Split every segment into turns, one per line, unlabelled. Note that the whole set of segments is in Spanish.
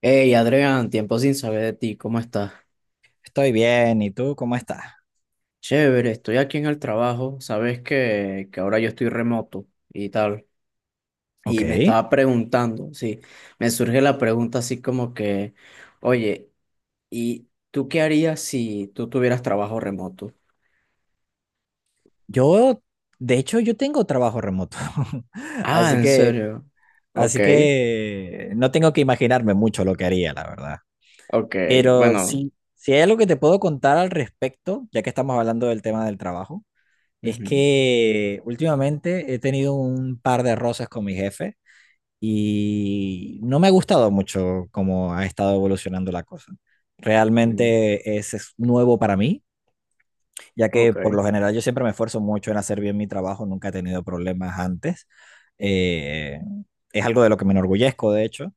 Hey Adrián, tiempo sin saber de ti, ¿cómo estás?
Estoy bien, ¿y tú cómo estás?
Chévere, estoy aquí en el trabajo, sabes que ahora yo estoy remoto y tal, y me
Ok.
estaba preguntando, sí, me surge la pregunta así como que, oye, ¿y tú qué harías si tú tuvieras trabajo remoto?
Yo, de hecho, yo tengo trabajo remoto,
Ah,
así
¿en
que,
serio? Ok,
así que no tengo que imaginarme mucho lo que haría, la verdad.
ok,
Pero
bueno,
sí, si hay algo que te puedo contar al respecto, ya que estamos hablando del tema del trabajo, es
ujú,
que últimamente he tenido un par de roces con mi jefe y no me ha gustado mucho cómo ha estado evolucionando la cosa.
mm,
Realmente es nuevo para mí ya que
ok,
por lo general yo siempre me esfuerzo mucho en hacer bien mi trabajo, nunca he tenido problemas antes. Eh, es algo de lo que me enorgullezco, de hecho,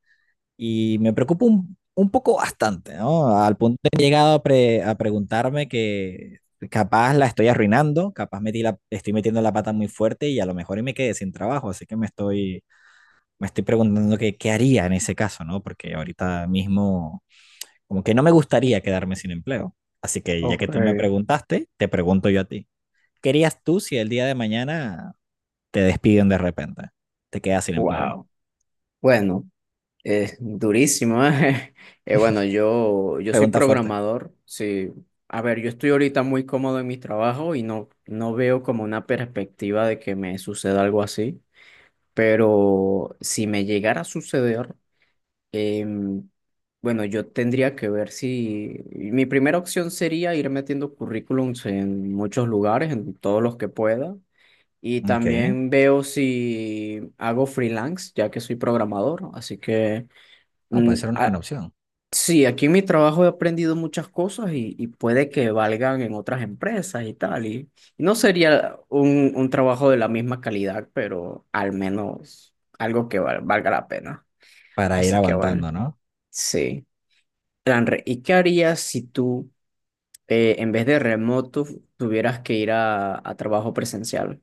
y me preocupa un poco bastante, ¿no? Al punto de que he llegado a preguntarme que capaz la estoy arruinando, capaz metí la, estoy metiendo la pata muy fuerte y a lo mejor y me quedé sin trabajo, así que me estoy preguntando que, qué haría en ese caso, ¿no? Porque ahorita mismo como que no me gustaría quedarme sin empleo. Así que ya que
ok,
tú me preguntaste, te pregunto yo a ti. ¿Qué harías tú si el día de mañana te despiden de repente? Te quedas sin empleo.
wow. Bueno. Es durísimo, ¿eh? Bueno, yo soy
Pregunta fuerte.
programador, sí. A ver, yo estoy ahorita muy cómodo en mi trabajo y no veo como una perspectiva de que me suceda algo así, pero si me llegara a suceder, em, bueno, yo tendría que ver si... Mi primera opción sería ir metiendo currículums en muchos lugares, en todos los que pueda. Y
Ok.
también veo si hago freelance, ya que soy programador, así que...
No, puede
Mm,
ser una buena
a-
opción
Sí, aquí en mi trabajo he aprendido muchas cosas y puede que valgan en otras empresas y tal. Y no sería un trabajo de la misma calidad, pero al menos algo que valga la pena.
para ir
Así que bueno,
aguantando, ¿no?
sí. Lanre, ¿y qué harías si tú, en vez de remoto, tuvieras que ir a trabajo presencial?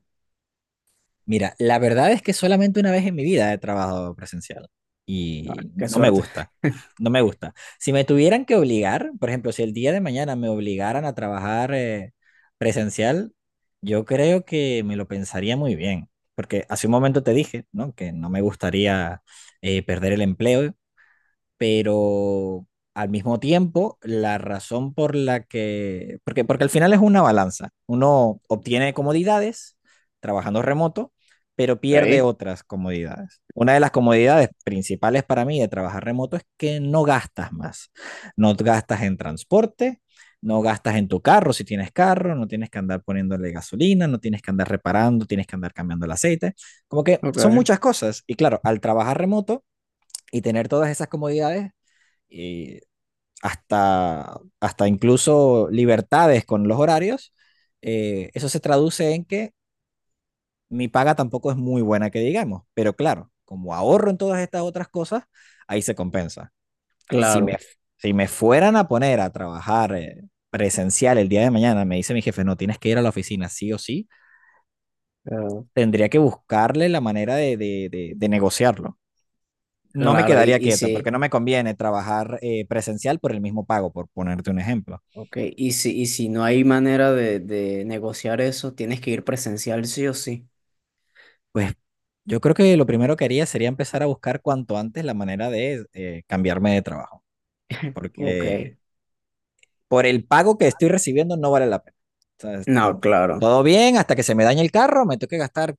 Mira, la verdad es que solamente una vez en mi vida he trabajado presencial
Ah,
y
qué
no me
suerte.
gusta. No me gusta. Si me tuvieran que obligar, por ejemplo, si el día de mañana me obligaran a trabajar presencial, yo creo que me lo pensaría muy bien, porque hace un momento te dije, ¿no? Que no me gustaría perder el empleo pero al mismo tiempo, la razón por la que, porque al final es una balanza. Uno obtiene comodidades trabajando remoto, pero pierde
Ahí,
otras comodidades. Una de las comodidades principales para mí de trabajar remoto es que no gastas más. No gastas en transporte, no gastas en tu carro si tienes carro, no tienes que andar poniéndole gasolina, no tienes que andar reparando, tienes que andar cambiando el aceite. Como que son
ok,
muchas cosas. Y claro, al trabajar remoto y tener todas esas comodidades, eh, hasta incluso libertades con los horarios, eso se traduce en que mi paga tampoco es muy buena, que digamos, pero claro, como ahorro en todas estas otras cosas, ahí se compensa. Si me,
claro,
si me fueran a poner a trabajar presencial el día de mañana, me dice mi jefe, no, tienes que ir a la oficina sí o sí,
claro,
tendría que buscarle la manera de negociarlo. No me
claro, y,
quedaría
y
quieta
sí.
porque no me conviene trabajar presencial por el mismo pago, por ponerte un ejemplo.
Ok, y si no hay manera de negociar eso, tienes que ir presencial sí o sí.
Pues yo creo que lo primero que haría sería empezar a buscar cuanto antes la manera de cambiarme de trabajo, porque
Ok.
por el pago que estoy recibiendo no vale la pena. O sea,
No, claro.
todo bien hasta que se me dañe el carro, me tengo que gastar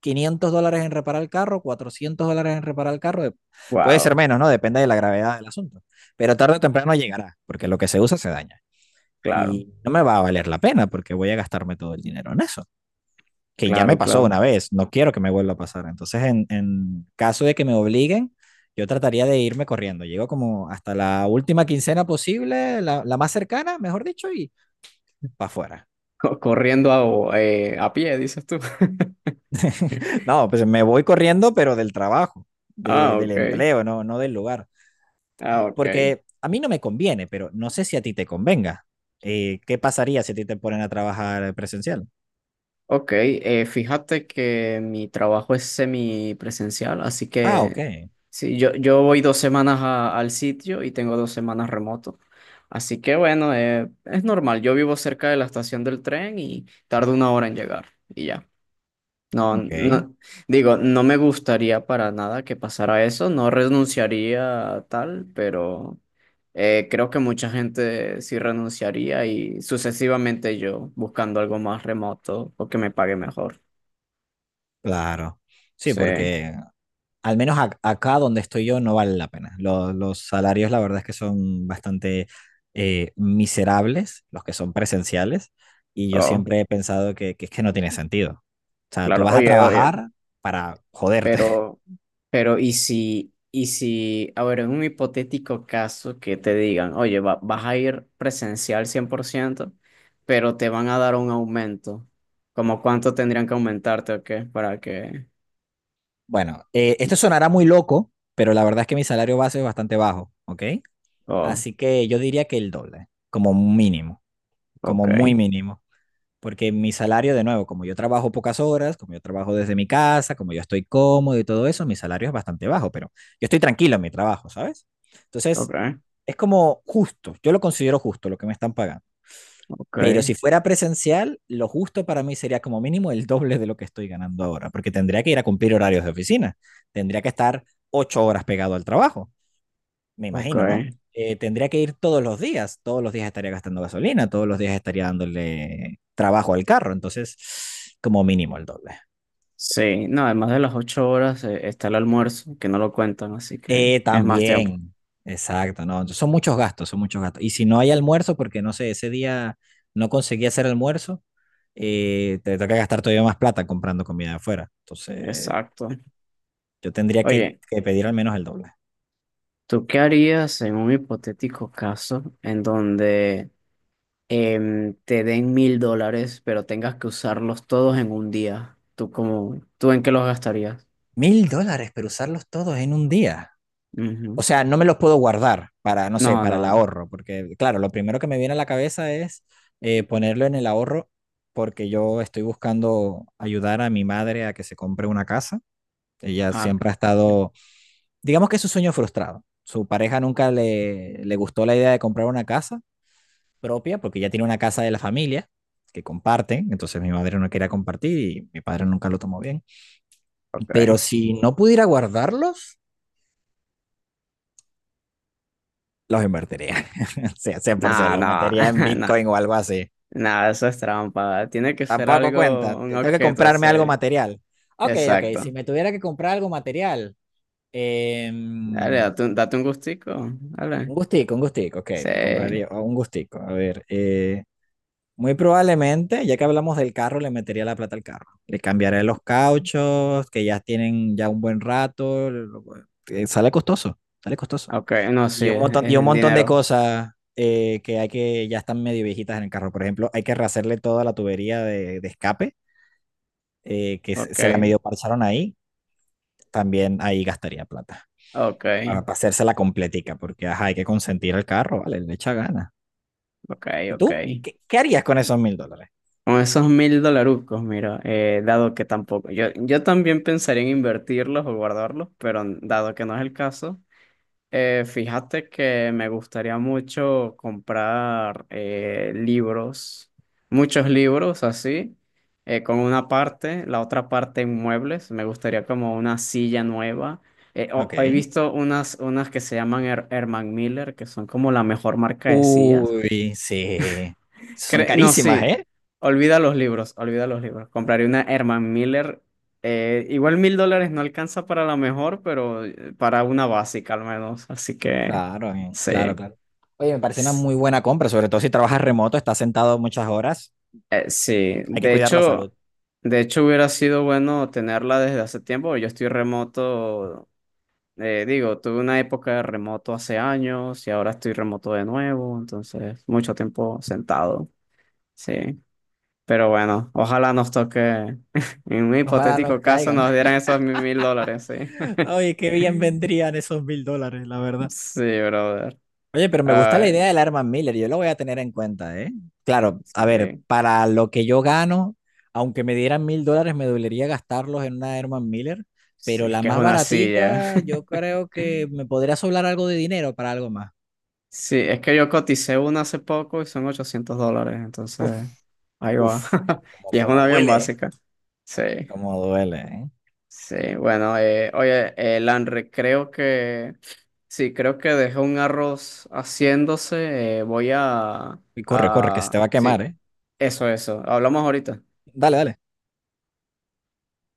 $500 en reparar el carro, $400 en reparar el carro, puede ser
Wow.
menos, ¿no? Depende de la gravedad del asunto, pero tarde o temprano llegará, porque lo que se usa se daña
Claro,
y no me va a valer la pena porque voy a gastarme todo el dinero en eso. Que ya me
claro,
pasó
claro.
una vez, no quiero que me vuelva a pasar. Entonces, en caso de que me obliguen, yo trataría de irme corriendo. Llego como hasta la última quincena posible, la más cercana, mejor dicho, y para afuera.
Corriendo a pie, dices tú.
No, pues me voy corriendo, pero del trabajo, de,
Ah,
del
ok.
empleo, no del lugar.
Ah, ok.
Porque a mí no me conviene, pero no sé si a ti te convenga. ¿Qué pasaría si a ti te ponen a trabajar presencial?
Ok, fíjate que mi trabajo es semipresencial, así
Ah, ok,
que sí, yo voy 2 semanas al sitio y tengo 2 semanas remoto. Así que bueno, es normal, yo vivo cerca de la estación del tren y tardo 1 hora en llegar y ya. No,
ok,
no, digo, no me gustaría para nada que pasara eso, no renunciaría a tal, pero creo que mucha gente sí renunciaría y sucesivamente yo buscando algo más remoto o que me pague mejor.
claro. Sí,
Sí,
porque al menos acá donde estoy yo no vale la pena. Los salarios, la verdad es que son bastante miserables, los que son presenciales, y yo
oh,
siempre he pensado que es que no tiene sentido. O sea, tú
claro.
vas a
Oye, oye.
trabajar para joderte.
Pero, pero, ¿y si, a ver, en un hipotético caso que te digan, oye, vas a ir presencial 100%, pero te van a dar un aumento, ¿como cuánto tendrían que aumentarte o qué? Para que...
Bueno, esto sonará muy loco, pero la verdad es que mi salario base es bastante bajo, ¿ok?
Oh,
Así que yo diría que el doble, como mínimo, como
ok,
muy mínimo. Porque mi salario, de nuevo, como yo trabajo pocas horas, como yo trabajo desde mi casa, como yo estoy cómodo y todo eso, mi salario es bastante bajo, pero yo estoy tranquilo en mi trabajo, ¿sabes? Entonces,
ok,
es como justo, yo lo considero justo lo que me están pagando.
ok,
Pero si fuera presencial, lo justo para mí sería como mínimo el doble de lo que estoy ganando ahora, porque tendría que ir a cumplir horarios de oficina, tendría que estar 8 horas pegado al trabajo me
ok.
imagino, ¿no? Tendría que ir todos los días estaría gastando gasolina, todos los días estaría dándole trabajo al carro, entonces como mínimo el doble.
Sí, no, además de las 8 horas está el almuerzo, que no lo cuentan, así que
Eh,
es más tiempo.
también, exacto, ¿no? Entonces, son muchos gastos, son muchos gastos. Y si no hay almuerzo, porque no sé, ese día no conseguí hacer almuerzo, te toca gastar todavía más plata comprando comida de afuera. Entonces,
Exacto.
yo tendría que,
Oye,
que pedir al menos el doble.
¿tú qué harías en un hipotético caso en donde te den $1,000, pero tengas que usarlos todos en un día? ¿Tú cómo, tú en qué los gastarías?
$1000, pero usarlos todos en un día. O
Ujú.
sea, no me los puedo guardar para, no sé,
No,
para el
no.
ahorro, porque claro, lo primero que me viene a la cabeza es ponerlo en el ahorro porque yo estoy buscando ayudar a mi madre a que se compre una casa. Ella
Ah,
siempre ha estado, digamos que es su sueño frustrado. Su pareja nunca le gustó la idea de comprar una casa propia porque ya tiene una casa de la familia que comparten, entonces mi madre no quería compartir y mi padre nunca lo tomó bien. Pero
ok.
si no pudiera guardarlos, los invertiría. Sí,
No,
100%, los
no,
metería en
no,
Bitcoin o algo así.
no, eso es trampa. Tiene que ser
Tampoco cuenta,
algo, un
Tengo que
objeto,
comprarme
sí.
algo material. Ok, ok, si
Exacto.
me tuviera que comprar algo material, eh,
Dale,
un
date un gustico. Dale.
un gustico, ok,
Sí.
me compraría un gustico. A ver, muy probablemente, ya que hablamos del carro, le metería la plata al carro. Le cambiaré los cauchos, que ya tienen ya un buen rato. Sale costoso, sale costoso.
Ok, no, sí,
Y un
es
montón, y un
en
montón de
dinero.
cosas que hay que ya están medio viejitas en el carro. Por ejemplo, hay que rehacerle toda la tubería de escape, que se
Ok,
se la medio parcharon ahí. También ahí gastaría plata
ok,
para hacérsela completica, porque ajá, hay que consentir el carro, vale, le echa gana.
ok,
¿Y
ok.
tú? ¿Qué harías con esos $1000?
Con esos 1,000 dolarucos, mira, dado que tampoco, yo también pensaría en invertirlos o guardarlos, pero dado que no es el caso, fíjate que me gustaría mucho comprar libros, muchos libros así, con una parte, la otra parte en muebles, me gustaría como una silla nueva. He
Ok.
visto unas que se llaman Herman Miller, que son como la mejor marca de sillas.
Uy, sí. Son
No,
carísimas,
sí.
¿eh?
Olvida los libros, olvida los libros. Compraré una Herman Miller. Igual $1,000 no alcanza para la mejor, pero para una básica al menos. Así que sí.
Claro. Oye, me parece una
S-
muy buena compra, sobre todo si trabajas remoto, estás sentado muchas horas.
sí.
Hay que
De
cuidar la
hecho,
salud.
de hecho hubiera sido bueno tenerla desde hace tiempo. Yo estoy remoto. Digo, tuve una época de remoto hace años y ahora estoy remoto de nuevo. Entonces, mucho tiempo sentado. Sí. Pero bueno, ojalá nos toque, en un
Ojalá no
hipotético caso,
caigan.
nos dieran esos $1,000, sí.
Oye, qué bien vendrían esos $1000, la verdad.
Sí, brother.
Oye, pero me gusta la idea
Ay,
del Arman Miller, yo lo voy a tener en cuenta, ¿eh? Claro,
sí,
a ver, para lo que yo gano, aunque me dieran $1000, me dolería gastarlos en una Herman Miller,
sí,
pero
es
la
que es
más
una silla.
baratita, yo creo que me podría sobrar algo de dinero para algo más.
Sí, es que yo coticé una hace poco y son $800,
Uf,
entonces ahí va.
uf, como,
Y es
como
una bien
duele, ¿eh?
básica. Sí.
Como duele, ¿eh?
Sí, bueno, oye, Lanre, creo que, sí, creo que dejé un arroz haciéndose, voy a,
Y corre, corre, que se te
a,
va a quemar,
sí,
¿eh?
eso, hablamos ahorita.
Dale, dale.